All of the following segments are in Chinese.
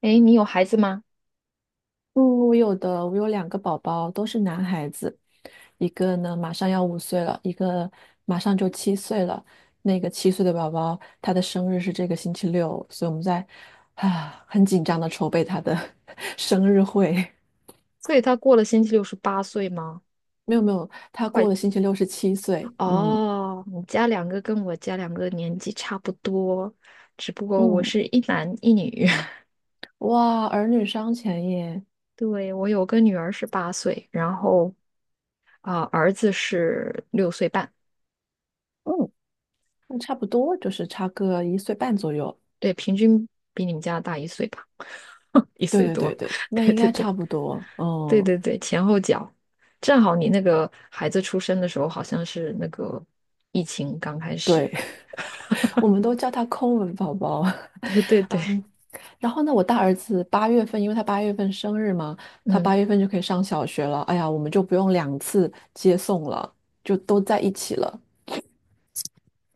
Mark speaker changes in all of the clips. Speaker 1: 诶，你有孩子吗？
Speaker 2: 嗯，我有的，我有两个宝宝，都是男孩子，一个呢马上要5岁了，一个马上就七岁了。那个七岁的宝宝，他的生日是这个星期六，所以我们在啊很紧张的筹备他的 生日会。
Speaker 1: 所以他过了星期六是八岁吗？
Speaker 2: 没有没有，他
Speaker 1: 快，
Speaker 2: 过了星期六是七岁。嗯
Speaker 1: 哦，你家两个跟我家两个年纪差不多，只不过我
Speaker 2: 嗯，
Speaker 1: 是一男一女。
Speaker 2: 哇，儿女双全耶。
Speaker 1: 对，我有个女儿是八岁，然后儿子是六岁半，
Speaker 2: 嗯，那差不多就是差个1岁半左右。
Speaker 1: 对，平均比你们家大一岁吧，一
Speaker 2: 对
Speaker 1: 岁
Speaker 2: 对对
Speaker 1: 多。
Speaker 2: 对，那
Speaker 1: 对
Speaker 2: 应
Speaker 1: 对
Speaker 2: 该
Speaker 1: 对
Speaker 2: 差不多。
Speaker 1: 对
Speaker 2: 嗯，
Speaker 1: 对对，前后脚，正好你那个孩子出生的时候好像是那个疫情刚开始。
Speaker 2: 对。我们都叫他抠门宝宝。
Speaker 1: 对对 对，
Speaker 2: 啊，然后呢，我大儿子八月份，因为他八月份生日嘛，他八
Speaker 1: 嗯。
Speaker 2: 月份就可以上小学了。哎呀，我们就不用两次接送了，就都在一起了。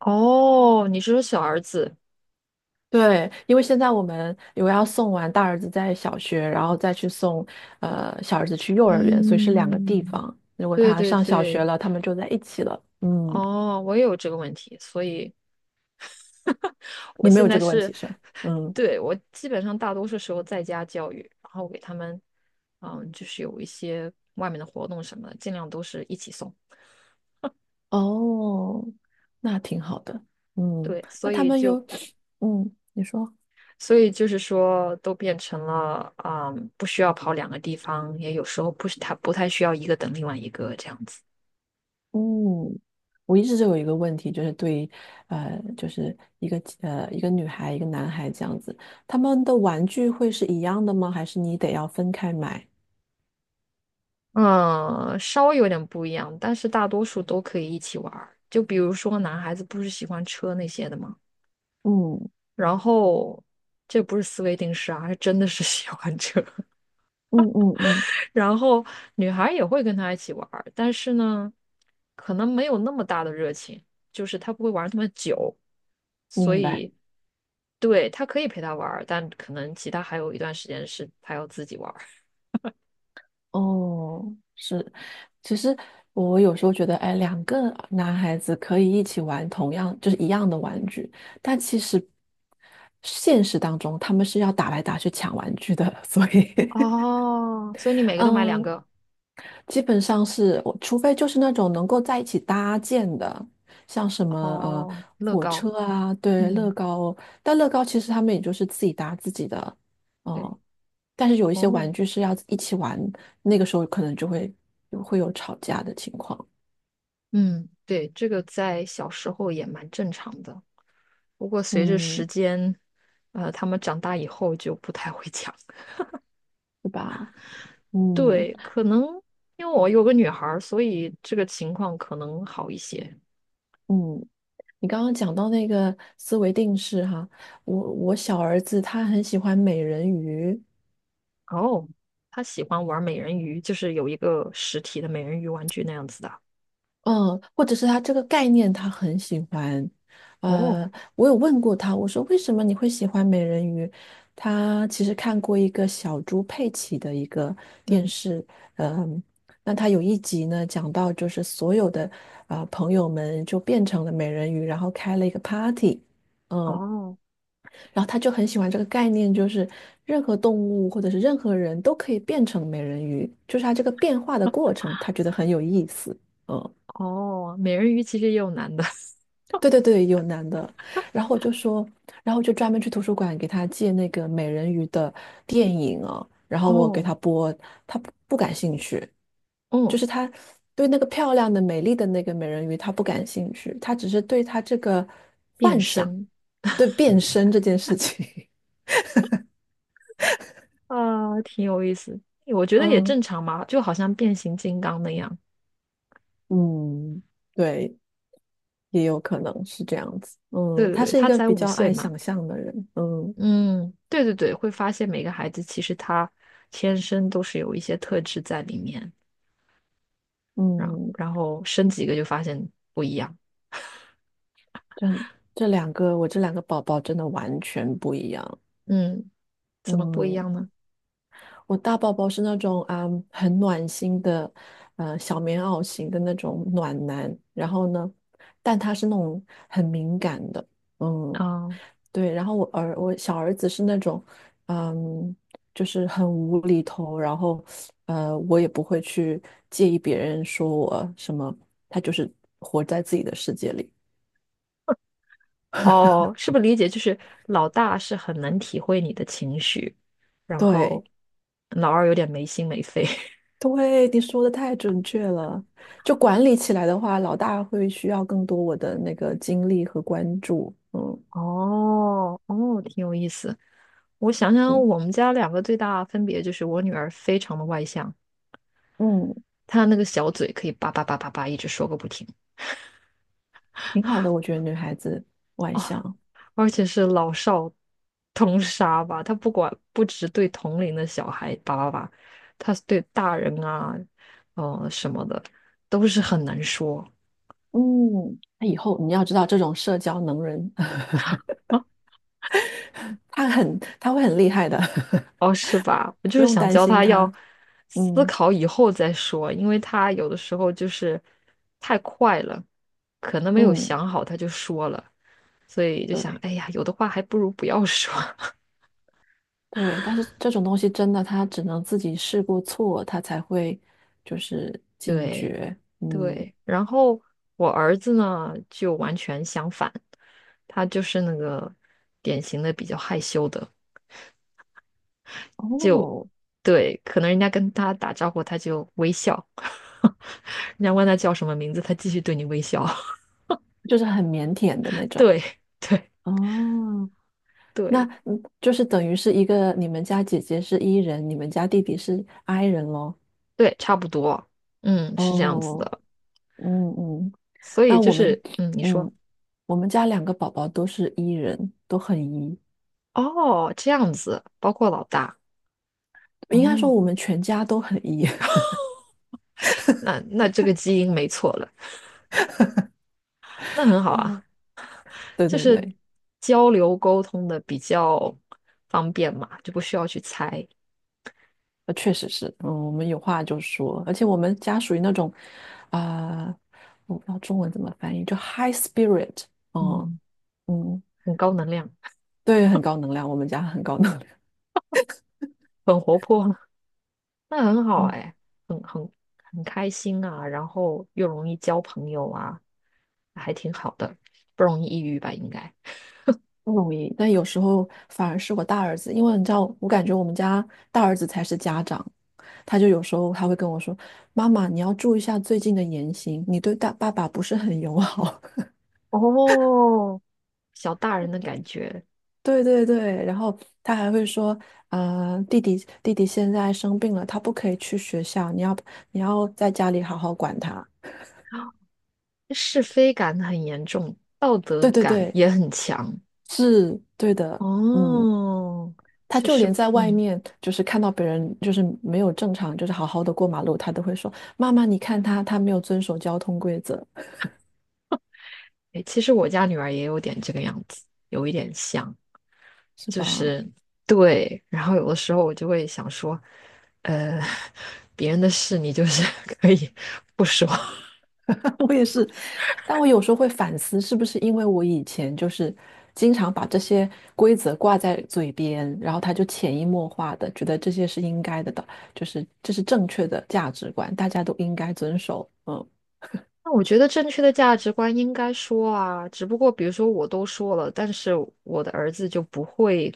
Speaker 1: 哦，你是说小儿子？
Speaker 2: 对，因为现在我们有要送完大儿子在小学，然后再去送小儿子去幼儿园，所以是两个地
Speaker 1: 嗯，
Speaker 2: 方。如果
Speaker 1: 对
Speaker 2: 他
Speaker 1: 对
Speaker 2: 上小学
Speaker 1: 对，
Speaker 2: 了，他们就在一起了。嗯，
Speaker 1: 哦，我也有这个问题，所以 我
Speaker 2: 你没
Speaker 1: 现
Speaker 2: 有
Speaker 1: 在
Speaker 2: 这个问
Speaker 1: 是，
Speaker 2: 题是吧嗯，
Speaker 1: 对，我基本上大多数时候在家教育，然后给他们，嗯，就是有一些外面的活动什么的，尽量都是一起送。
Speaker 2: 哦，那挺好的。嗯，
Speaker 1: 对，
Speaker 2: 那
Speaker 1: 所
Speaker 2: 他
Speaker 1: 以
Speaker 2: 们
Speaker 1: 就，
Speaker 2: 有，嗯，你说。
Speaker 1: 所以就是说，都变成了，嗯，不需要跑两个地方，也有时候不是他不太需要一个等另外一个这样子。
Speaker 2: 嗯，我一直就有一个问题，就是对于就是一个女孩一个男孩这样子，他们的玩具会是一样的吗？还是你得要分开买？
Speaker 1: 嗯，稍微有点不一样，但是大多数都可以一起玩儿。就比如说，男孩子不是喜欢车那些的吗？
Speaker 2: 嗯
Speaker 1: 然后这不是思维定式啊，是真的是 喜欢车。
Speaker 2: 嗯嗯嗯，
Speaker 1: 然后女孩儿也会跟他一起玩儿，但是呢，可能没有那么大的热情，就是他不会玩儿那么久，所
Speaker 2: 明白。
Speaker 1: 以对他可以陪他玩儿，但可能其他还有一段时间是他要自己玩儿。
Speaker 2: 哦，是，其实我有时候觉得，哎，两个男孩子可以一起玩同样就是一样的玩具，但其实现实当中他们是要打来打去抢玩具的，所以
Speaker 1: 哦，所以你每个都买两
Speaker 2: 嗯，
Speaker 1: 个
Speaker 2: 基本上是我，除非就是那种能够在一起搭建的，像什么
Speaker 1: 哦，乐
Speaker 2: 火
Speaker 1: 高，
Speaker 2: 车啊，对，乐
Speaker 1: 嗯。
Speaker 2: 高，但乐高其实他们也就是自己搭自己的，
Speaker 1: 对。
Speaker 2: 哦、但是有一些
Speaker 1: 哦，
Speaker 2: 玩具是要一起玩，那个时候可能就会会有吵架的情况，
Speaker 1: 嗯，对，这个在小时候也蛮正常的，不过随着时
Speaker 2: 嗯，
Speaker 1: 间，他们长大以后就不太会讲。
Speaker 2: 对吧？嗯
Speaker 1: 对，可能因为我有个女孩儿，所以这个情况可能好一些。
Speaker 2: 嗯，你刚刚讲到那个思维定式哈，我小儿子他很喜欢美人鱼。
Speaker 1: 哦，她喜欢玩美人鱼，就是有一个实体的美人鱼玩具那样子的。
Speaker 2: 嗯，或者是他这个概念他很喜欢，
Speaker 1: 哦，
Speaker 2: 呃，我有问过他，我说为什么你会喜欢美人鱼？他其实看过一个小猪佩奇的一个电
Speaker 1: 嗯，
Speaker 2: 视，嗯，那他有一集呢讲到就是所有的朋友们就变成了美人鱼，然后开了一个 party，嗯，
Speaker 1: 哦，
Speaker 2: 然后他就很喜欢这个概念，就是任何动物或者是任何人都可以变成美人鱼，就是他这个变化的过程，他觉得很有意思，嗯。
Speaker 1: 哦，美人鱼其实也有男的。
Speaker 2: 对对对，有男的，然后我就说，然后我就专门去图书馆给他借那个美人鱼的电影啊，然后我给
Speaker 1: 哦，
Speaker 2: 他播，他不感兴趣，就
Speaker 1: 哦，
Speaker 2: 是他对那个漂亮的、美丽的那个美人鱼他不感兴趣，他只是对他这个
Speaker 1: 变
Speaker 2: 幻想，
Speaker 1: 身，
Speaker 2: 对变身这件事情，
Speaker 1: 啊，挺有意思。我 觉得也正
Speaker 2: 嗯
Speaker 1: 常嘛，就好像变形金刚那样。
Speaker 2: 嗯，对，也有可能是这样子，
Speaker 1: 对
Speaker 2: 嗯，
Speaker 1: 对
Speaker 2: 他
Speaker 1: 对，
Speaker 2: 是一
Speaker 1: 他
Speaker 2: 个
Speaker 1: 才
Speaker 2: 比
Speaker 1: 五
Speaker 2: 较
Speaker 1: 岁
Speaker 2: 爱
Speaker 1: 嘛。
Speaker 2: 想象的人，嗯
Speaker 1: 嗯，对对对，会发现每个孩子其实他天生都是有一些特质在里面，然后
Speaker 2: 嗯。
Speaker 1: 然后生几个就发现不一样。
Speaker 2: 这这两个，我这两个宝宝真的完全不一样。
Speaker 1: 嗯，怎么不一
Speaker 2: 嗯，
Speaker 1: 样呢？
Speaker 2: 我大宝宝是那种啊、很暖心的，小棉袄型的那种暖男。然后呢，但他是那种很敏感的，嗯，
Speaker 1: 啊、
Speaker 2: 对。然后我小儿子是那种，嗯，就是很无厘头。然后，我也不会去介意别人说我什么，他就是活在自己的世界里。
Speaker 1: 哦，是不是理解就是老大是很能体会你的情绪，然后
Speaker 2: 对，
Speaker 1: 老二有点没心没肺。
Speaker 2: 对，你说的太准确了。就管理起来的话，老大会需要更多我的那个精力和关注。嗯
Speaker 1: 哦哦，挺有意思。我想想，
Speaker 2: 嗯
Speaker 1: 我们家两个最大的分别就是，我女儿非常的外向，
Speaker 2: 嗯，
Speaker 1: 她那个小嘴可以叭叭叭叭叭一直说个不停，
Speaker 2: 挺好的，我觉得女孩子外向。
Speaker 1: 而且是老少通杀吧。她不管不只对同龄的小孩叭叭叭，她对大人啊，什么的都是很难说。
Speaker 2: 嗯，那以后你要知道，这种社交能人，他会很厉害的，
Speaker 1: 哦，是吧？我 就
Speaker 2: 不
Speaker 1: 是
Speaker 2: 用
Speaker 1: 想
Speaker 2: 担
Speaker 1: 教
Speaker 2: 心
Speaker 1: 他要
Speaker 2: 他。
Speaker 1: 思
Speaker 2: 嗯
Speaker 1: 考以后再说，因为他有的时候就是太快了，可能没有
Speaker 2: 嗯，
Speaker 1: 想好他就说了，所以就想，
Speaker 2: 对
Speaker 1: 哎呀，有的话还不如不要说。
Speaker 2: 对，但是这种东西真的，他只能自己试过错，他才会就是警
Speaker 1: 对
Speaker 2: 觉。嗯，
Speaker 1: 对，然后我儿子呢就完全相反，他就是那个典型的比较害羞的，
Speaker 2: 哦，
Speaker 1: 对，可能人家跟他打招呼他就微笑，人家问他叫什么名字，他继续对你微笑，
Speaker 2: 就是很腼腆的那 种。
Speaker 1: 对对。
Speaker 2: 哦，那
Speaker 1: 对
Speaker 2: 嗯就是等于是一个你们家姐姐是 E 人，你们家弟弟是 I 人咯。
Speaker 1: 对，差不多，嗯，是这样子
Speaker 2: 哦，
Speaker 1: 的。
Speaker 2: 嗯嗯，
Speaker 1: 所以
Speaker 2: 那
Speaker 1: 就
Speaker 2: 我们
Speaker 1: 是，嗯，你说，
Speaker 2: 嗯，我们家两个宝宝都是 E 人，都很 E，
Speaker 1: 哦，这样子，包括老大，
Speaker 2: 应该说
Speaker 1: 哦，
Speaker 2: 我们全家都很 E。
Speaker 1: 那那这个基因没错了，那很好啊，
Speaker 2: 对
Speaker 1: 就
Speaker 2: 对
Speaker 1: 是
Speaker 2: 对，
Speaker 1: 交流沟通的比较方便嘛，就不需要去猜，
Speaker 2: 确实是，嗯，我们有话就说，而且我们家属于那种啊、我不知道中文怎么翻译，就 high spirit，嗯
Speaker 1: 嗯，
Speaker 2: 嗯，
Speaker 1: 很高能量，
Speaker 2: 对，很高能量，我们家很高能量。
Speaker 1: 很活泼，那很好
Speaker 2: 嗯。
Speaker 1: 哎，很很开心啊，然后又容易交朋友啊，还挺好的，不容易抑郁吧，应该。
Speaker 2: 不容易，但有时候反而是我大儿子，因为你知道，我感觉我们家大儿子才是家长，他就有时候他会跟我说：“妈妈，你要注意一下最近的言行，你对大爸爸不是很友好。”
Speaker 1: 哦，小大人的感觉。
Speaker 2: 对对对，然后他还会说：“啊、弟弟现在生病了，他不可以去学校，你要在家里好好管他。”
Speaker 1: 是非感很严重，道德
Speaker 2: 对对
Speaker 1: 感
Speaker 2: 对，
Speaker 1: 也很强。
Speaker 2: 是对的，嗯，
Speaker 1: 哦，
Speaker 2: 他
Speaker 1: 就
Speaker 2: 就
Speaker 1: 是
Speaker 2: 连在外
Speaker 1: 嗯，
Speaker 2: 面，就是看到别人就是没有正常，就是好好的过马路，他都会说：“妈妈，你看他，他没有遵守交通规则，
Speaker 1: 诶其实我家女儿也有点这个样子，有一点像，
Speaker 2: 是
Speaker 1: 就
Speaker 2: 吧？”
Speaker 1: 是对。然后有的时候我就会想说，呃，别人的事你就是 可以不说。
Speaker 2: 我也是，但我有时候会反思，是不是因为我以前就是经常把这些规则挂在嘴边，然后他就潜移默化的觉得这些是应该的，就是这是正确的价值观，大家都应该遵守。嗯，
Speaker 1: 那我觉得正确的价值观应该说啊，只不过比如说我都说了，但是我的儿子就不会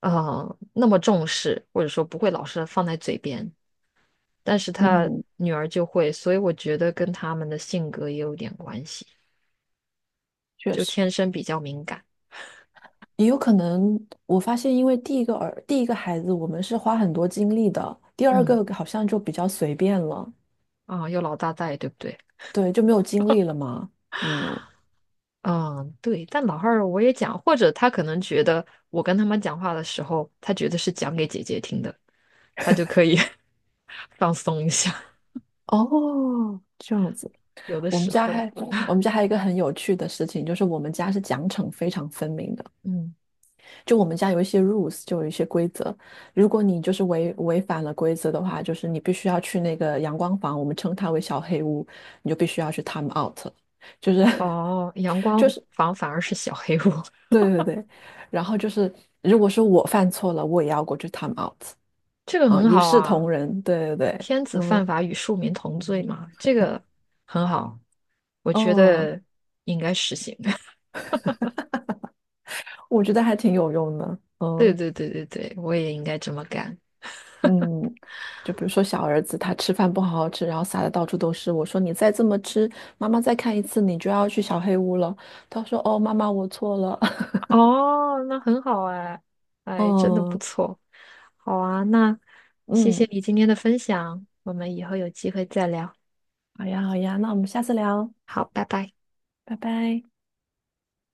Speaker 1: 那么重视，或者说不会老是放在嘴边。但是他
Speaker 2: 嗯，
Speaker 1: 女儿就会，所以我觉得跟他们的性格也有点关系，
Speaker 2: 确
Speaker 1: 就
Speaker 2: 实。
Speaker 1: 天生比较敏感。
Speaker 2: 也有可能，我发现，因为第一个孩子，我们是花很多精力的，第二
Speaker 1: 嗯，
Speaker 2: 个好像就比较随便了，
Speaker 1: 啊，有老大在，对不对？
Speaker 2: 对，就没有精力了嘛。嗯，
Speaker 1: 嗯，对。但老二我也讲，或者他可能觉得我跟他们讲话的时候，他觉得是讲给姐姐听的，他就可以 放松一下。
Speaker 2: 哦，这样子。
Speaker 1: 有的
Speaker 2: 我们
Speaker 1: 时
Speaker 2: 家
Speaker 1: 候，
Speaker 2: 还，我们家还有一个很有趣的事情，就是我们家是奖惩非常分明的，
Speaker 1: 嗯，
Speaker 2: 就我们家有一些 rules，就有一些规则。如果你就是违反了规则的话，就是你必须要去那个阳光房，我们称它为小黑屋，你就必须要去 time out，就是。
Speaker 1: 哦，阳光房反而是小黑屋，
Speaker 2: 对对对，然后就是，如果是我犯错了，我也要过去 time out
Speaker 1: 这个
Speaker 2: 啊，
Speaker 1: 很
Speaker 2: 一
Speaker 1: 好
Speaker 2: 视
Speaker 1: 啊。
Speaker 2: 同仁。对对对，
Speaker 1: 天子犯
Speaker 2: 嗯
Speaker 1: 法与庶民同罪嘛，这个很好，我觉
Speaker 2: 嗯，
Speaker 1: 得应该实行。
Speaker 2: 我觉得还挺有用的。
Speaker 1: 对
Speaker 2: 嗯
Speaker 1: 对对对对，我也应该这么干。
Speaker 2: 嗯，就比如说小儿子他吃饭不好好吃，然后撒的到处都是，我说你再这么吃，妈妈再看一次你就要去小黑屋了。他说哦，妈妈我错了。
Speaker 1: 哦，那很好哎，哎，真的不
Speaker 2: 嗯
Speaker 1: 错。好啊，那谢谢
Speaker 2: 嗯，
Speaker 1: 你今天的分享，我们以后有机会再聊。
Speaker 2: 好呀好呀，那我们下次聊，
Speaker 1: 好，拜拜。
Speaker 2: 拜拜。